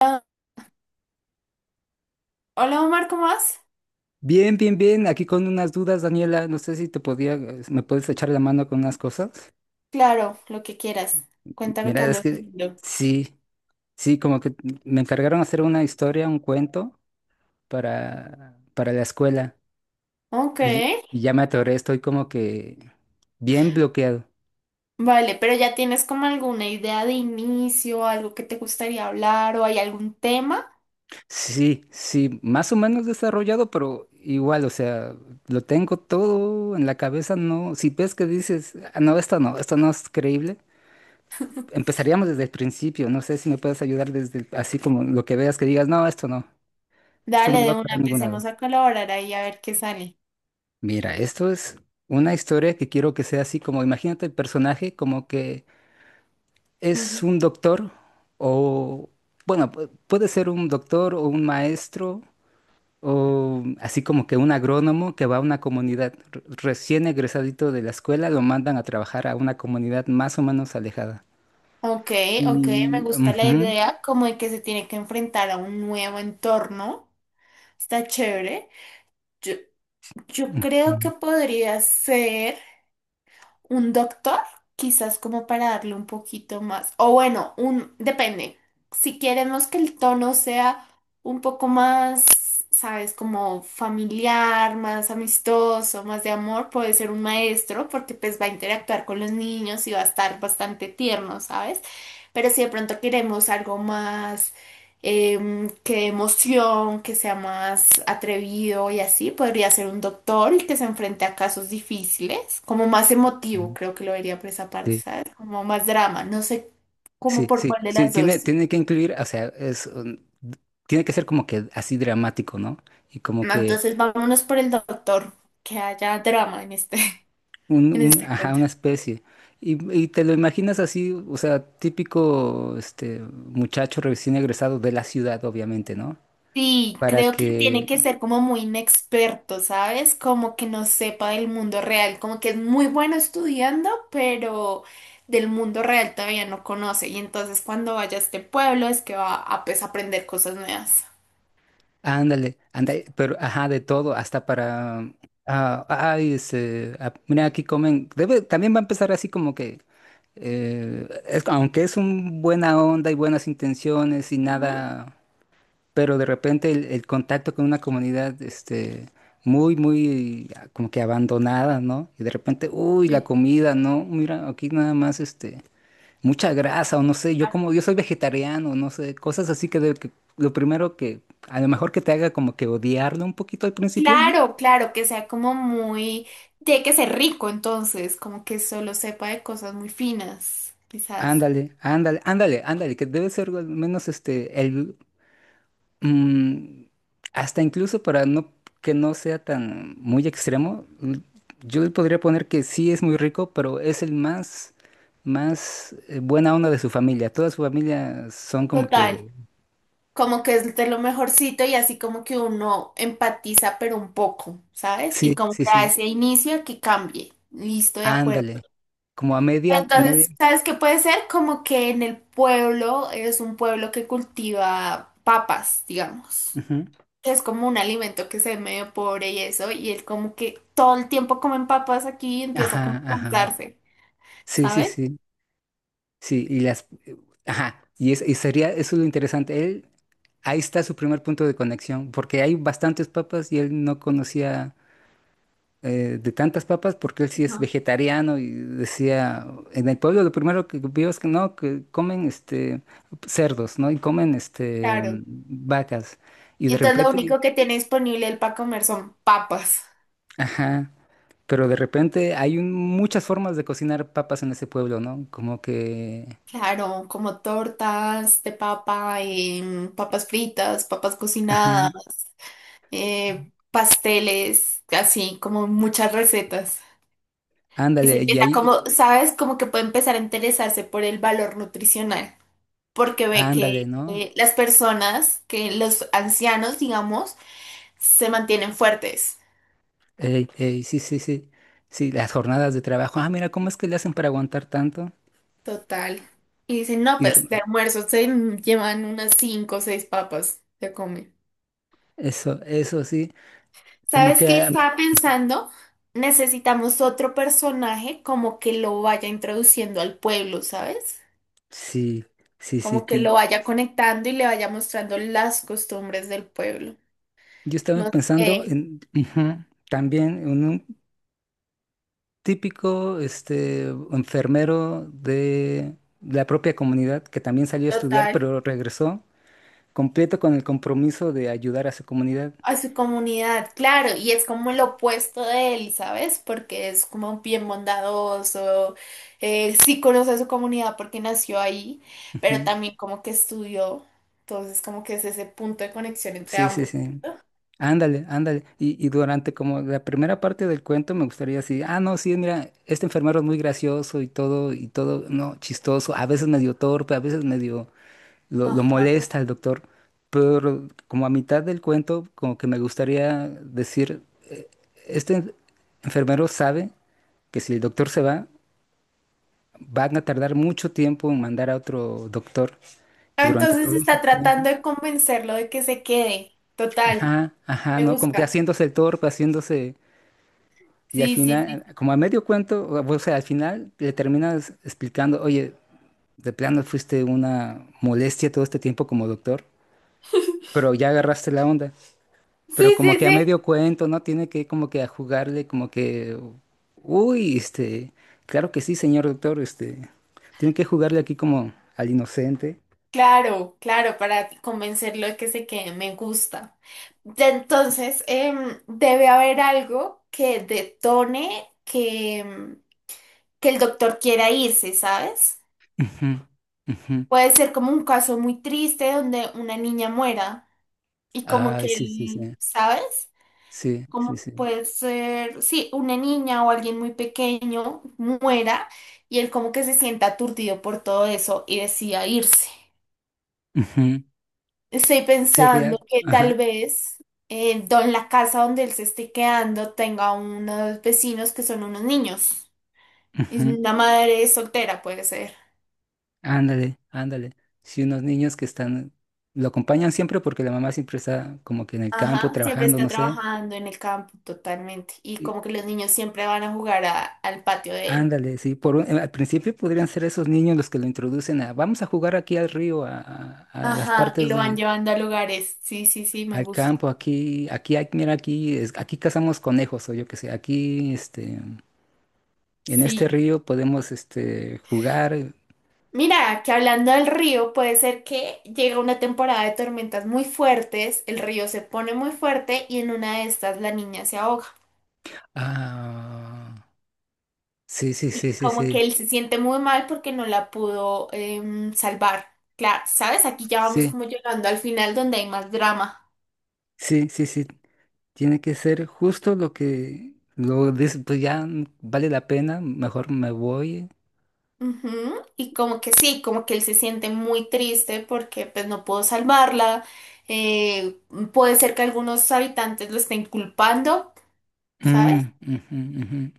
Ah, hola Omar, ¿cómo vas? Bien, bien, bien. Aquí con unas dudas, Daniela. No sé si te podía, Me puedes echar la mano con unas cosas. Claro, lo que quieras. Cuéntame qué Mira, es andas que haciendo. sí, sí, como que me encargaron hacer una historia, un cuento para la escuela. Ok, Y ya me atoré, estoy como que bien bloqueado. vale, pero ya tienes como alguna idea de inicio, algo que te gustaría hablar o hay algún tema. Sí, sí, más o menos desarrollado, pero igual, o sea, lo tengo todo en la cabeza, no. Si ves que dices, "Ah, no, esto no, esto no es creíble. Empezaríamos desde el principio. No sé si me puedes ayudar desde así como lo que veas que digas, no, esto no, esto Dale, no va de una, para ningún lado. empecemos a colaborar ahí a ver qué sale. Mira, esto es una historia que quiero que sea así como, imagínate el personaje como que es Ujú. un doctor o, bueno, puede ser un doctor o un maestro o así como que un agrónomo que va a una comunidad recién egresadito de la escuela, lo mandan a trabajar a una comunidad más o menos alejada. Ok, ok, me Y... gusta la ujú, idea como de que se tiene que enfrentar a un nuevo entorno. Está chévere. Yo, yo creo que podría ser un doctor, quizás como para darle un poquito más. O bueno, un, depende. Si queremos que el tono sea un poco más, sabes, como familiar, más amistoso, más de amor, puede ser un maestro, porque pues va a interactuar con los niños y va a estar bastante tierno, ¿sabes? Pero si de pronto queremos algo más, que dé emoción, que sea más atrevido y así. Podría ser un doctor y que se enfrente a casos difíciles, como más emotivo, ujú, creo que lo vería por esa parte, sí. ¿sabes? Como más drama, no sé cómo Sí, por sí, cuál de sí, las dos. tiene que incluir, o sea, es, tiene que ser como que así dramático, ¿no? Y como No, que entonces vámonos por el doctor, que haya drama en este, en este ajá, cuento. una especie. Y te lo imaginas así, o sea, típico, este, muchacho recién egresado de la ciudad, obviamente, ¿no? Sí, Para creo que tiene que, que ser como muy inexperto, ¿sabes? Como que no sepa del mundo real, como que es muy bueno estudiando, pero del mundo real todavía no conoce. Y entonces cuando vaya a este pueblo es que va a, pues, aprender cosas nuevas. ándale, ándale, pero, ajá, de todo, ah, ay, este, ah, mira, aquí comen, debe, también va a empezar así como que, aunque es un buena onda y buenas intenciones y Ujú. nada, pero de repente el contacto con una comunidad, este, muy, ah, como que abandonada, ¿no? Y de repente, uy, la Sí. comida, ¿no? Mira, aquí nada más, este, mucha grasa, o no sé, yo como, yo soy vegetariano, no sé, cosas así que, que lo primero que, a lo mejor, que te haga como que odiarlo un poquito al principio, ¿no? Claro, claro, que sea como muy... Tiene que ser rico entonces, como que solo sepa de cosas muy finas, quizás. Ándale, ándale, ándale, ándale, que debe ser al menos este, el, Mm, hasta incluso para no, que no sea tan muy extremo, yo le podría poner que sí es muy rico, pero es el más, más, buena onda de su familia. Toda su familia son como Total. que Como que es de lo mejorcito y así como que uno empatiza, pero un poco, ¿sabes? Y sí, como sí, que a sí. ese inicio que cambie. Listo, de acuerdo. Ándale. Como a media, a media. Entonces, ¿sabes qué puede ser? Como que en el pueblo es un pueblo que cultiva papas, digamos. Ujú. Que es como un alimento que se ve medio pobre y eso, y él como que todo el tiempo comen papas aquí y empieza como Ajá, a ajá. compensarse, Sí, sí, ¿sabes? sí. Sí. Y las, ajá. Y es, y sería, eso lo interesante. Él, ahí está su primer punto de conexión, porque hay bastantes papas y él no conocía, de tantas papas, porque él sí es Ajá. vegetariano y decía, en el pueblo lo primero que vio es que no, que comen este, cerdos, ¿no? Y comen este, Claro. vacas. Y Y de entonces lo repente, único que tiene disponible él para comer son papas. ajá, pero de repente hay muchas formas de cocinar papas en ese pueblo, ¿no? Como que, Claro, como tortas de papa, papas fritas, papas ajá, cocinadas, pasteles, así como muchas recetas. Y se ándale, y empieza ahí, como, ¿sabes? Como que puede empezar a interesarse por el valor nutricional, porque ve ándale, que ¿no? Las personas, que los ancianos, digamos, se mantienen fuertes. Ey, ey, sí, sí, sí. Sí, las jornadas de trabajo. Ah, mira, ¿cómo es que le hacen para aguantar tanto? Total. Y dicen, no, Y pues de almuerzo se llevan unas cinco o seis papas, se comen. eso, eso sí. Como ¿Sabes que qué estaba pensando? Necesitamos otro personaje como que lo vaya introduciendo al pueblo, ¿sabes? sí, sí, sí, Como que lo vaya conectando y le vaya mostrando las costumbres del pueblo. yo estaba No pensando sé, en, ujú, también en un típico este, enfermero de la propia comunidad que también salió a estudiar, total, pero regresó completo con el compromiso de ayudar a su comunidad. a su comunidad, claro, y es como el opuesto de él, ¿sabes? Porque es como bien bondadoso, sí conoce a su comunidad porque nació ahí, pero Ujú. también como que estudió, entonces como que es ese punto de conexión entre Sí, sí, ambos. sí. Ándale, ándale. Y durante como la primera parte del cuento me gustaría así, ah, no, sí, mira, este enfermero es muy gracioso y todo, no, chistoso, a veces medio torpe, a veces medio lo Ajá. molesta el doctor, pero como a mitad del cuento, como que me gustaría decir, "Eh, este enfermero sabe que si el doctor se va, van a tardar mucho tiempo en mandar a otro doctor. Y Ah, durante entonces todo ese está tiempo, tratando de convencerlo de que se quede. Total, ajá, ajá, me ¿no? Como que gusta. haciéndose el torpe, haciéndose. Y al Sí, sí, sí. final, como a medio cuento, o sea, al final le terminas explicando, oye, de plano fuiste una molestia todo este tiempo como doctor, pero ya agarraste la onda. Pero Sí, como sí, que a sí. medio cuento, ¿no? Tiene que como que a jugarle, como que, uy, este, claro que sí, señor doctor, este, tiene que jugarle aquí como al inocente. Claro, claro, para convencerlo de que se quede, me gusta. Ya entonces, debe haber algo que detone que, que el doctor quiera irse, ¿sabes? Ujú, ujú. Puede ser como un caso muy triste donde una niña muera y como Ay, que sí, sí, sí, él, ¿sabes? sí, Como sí, sí. puede ser, sí, una niña o alguien muy pequeño muera y él como que se sienta aturdido por todo eso y decida irse. Ujú. Estoy pensando Seriedad, que ajá. tal vez la casa donde él se esté quedando tenga unos vecinos que son unos niños. Y Ujú. una madre soltera puede ser. Ándale, ándale. Sí, unos niños que están, lo acompañan siempre porque la mamá siempre está como que en el campo Ajá, siempre trabajando, está no sé. trabajando en el campo totalmente. Y Y como que los niños siempre van a jugar al patio de él. ándale, sí, por al principio podrían ser esos niños los que lo introducen a, vamos a jugar aquí al río, a las Ajá, y partes lo van de, llevando a lugares. Sí, sí, sí, me al gusta. campo, aquí, aquí, hay, mira, aquí, aquí cazamos conejos o yo qué sé, aquí, este, en este Sí. río podemos, este, jugar. Mira, que hablando del río, puede ser que llega una temporada de tormentas muy fuertes, el río se pone muy fuerte y en una de estas la niña se ahoga. Ah, sí, sí, sí, Y sí, como sí, que él se siente muy mal porque no la pudo, salvar. Claro, ¿sabes? Aquí ya vamos sí, como llegando al final donde hay más drama. sí, sí, sí. Tiene que ser justo lo que lo dice, pues ya, mm, vale la pena, mejor me voy. Ujú. Y como que sí, como que él se siente muy triste porque pues no pudo salvarla. Eh, puede ser que algunos habitantes lo estén culpando, ¿sabes? Mm, ujú, ujú.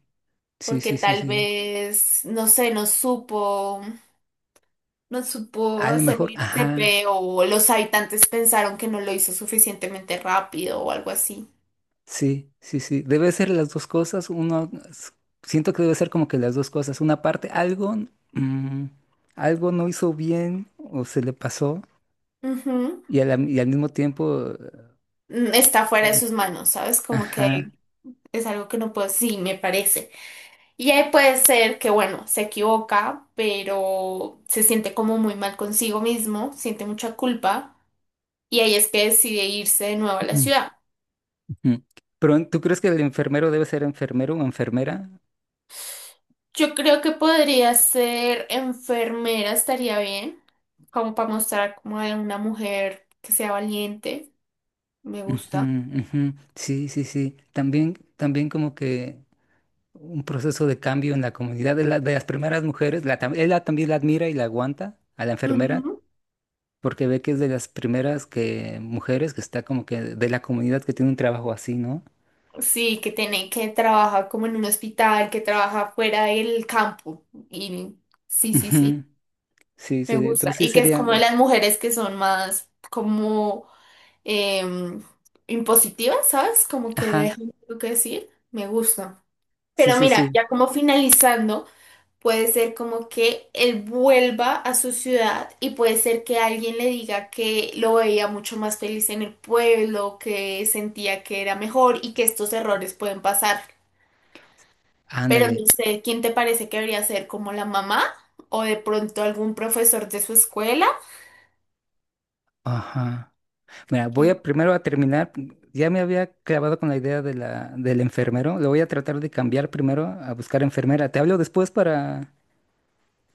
Sí, Porque sí, sí, tal sí. vez, no sé, no supo A lo hacer mejor, el TP ajá, o los habitantes pensaron que no lo hizo suficientemente rápido o algo así. sí, sí, sí. Debe ser las dos cosas. Uno, siento que debe ser como que las dos cosas. Una parte, algo, mm, algo no hizo bien o se le pasó Ujú. y, y al mismo tiempo, Mm, está fuera de sus manos, ¿sabes? Como que ajá. es algo que no puedo, sí, me parece. Y ahí puede ser que, bueno, se equivoca, pero se siente como muy mal consigo mismo, siente mucha culpa, y ahí es que decide irse de nuevo a la Mm, ciudad. ujú. Pero ¿tú crees que el enfermero debe ser enfermero o enfermera? Yo creo que podría ser enfermera, estaría bien, como para mostrar como de una mujer que sea valiente, me Ujú, gusta. ujú. Sí, sí, sí. También, también como que un proceso de cambio en la comunidad de las primeras mujeres. La, ella también la admira y la aguanta a la enfermera Ujú. porque ve que es de las primeras que, mujeres que está como que de la comunidad que tiene un trabajo así, ¿no? Sí, que tiene que trabajar como en un hospital, que trabaja fuera del campo. Y sí, sí, sí, Ujú. Sí, sí. me gusta. Entonces sí Y que es sería... como de las mujeres que son más como, em, impositivas, ¿sabes? Como que Ajá. dejan lo que decir, me gusta. Sí, Pero sí, mira, sí. ya como finalizando. Puede ser como que él vuelva a su ciudad y puede ser que alguien le diga que lo veía mucho más feliz en el pueblo, que sentía que era mejor y que estos errores pueden pasar. Pero no Ándale. sé, ¿quién te parece que debería ser como la mamá o de pronto algún profesor de su escuela? Ajá. Mira, voy Y- a primero a terminar. Ya me había clavado con la idea de del enfermero. Lo voy a tratar de cambiar primero a buscar enfermera. Te hablo después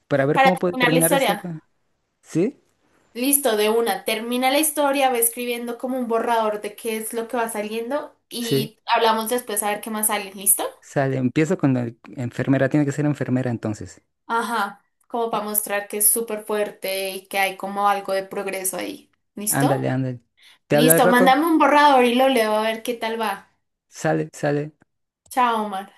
para ver para cómo puede terminar la terminar esto. historia. ¿Sí? Listo, de una. Termina la historia, va escribiendo como un borrador de qué es lo que va saliendo Sí. y hablamos después a ver qué más sale. ¿Listo? Sale, empiezo con la enfermera. Tiene que ser enfermera entonces. Ajá, como para mostrar que es súper fuerte y que hay como algo de progreso ahí. ¿Listo? Ándale, ándale. Te hablo al Listo, rato. mándame un borrador y lo leo a ver qué tal va. Sale, sale. Chao, Omar.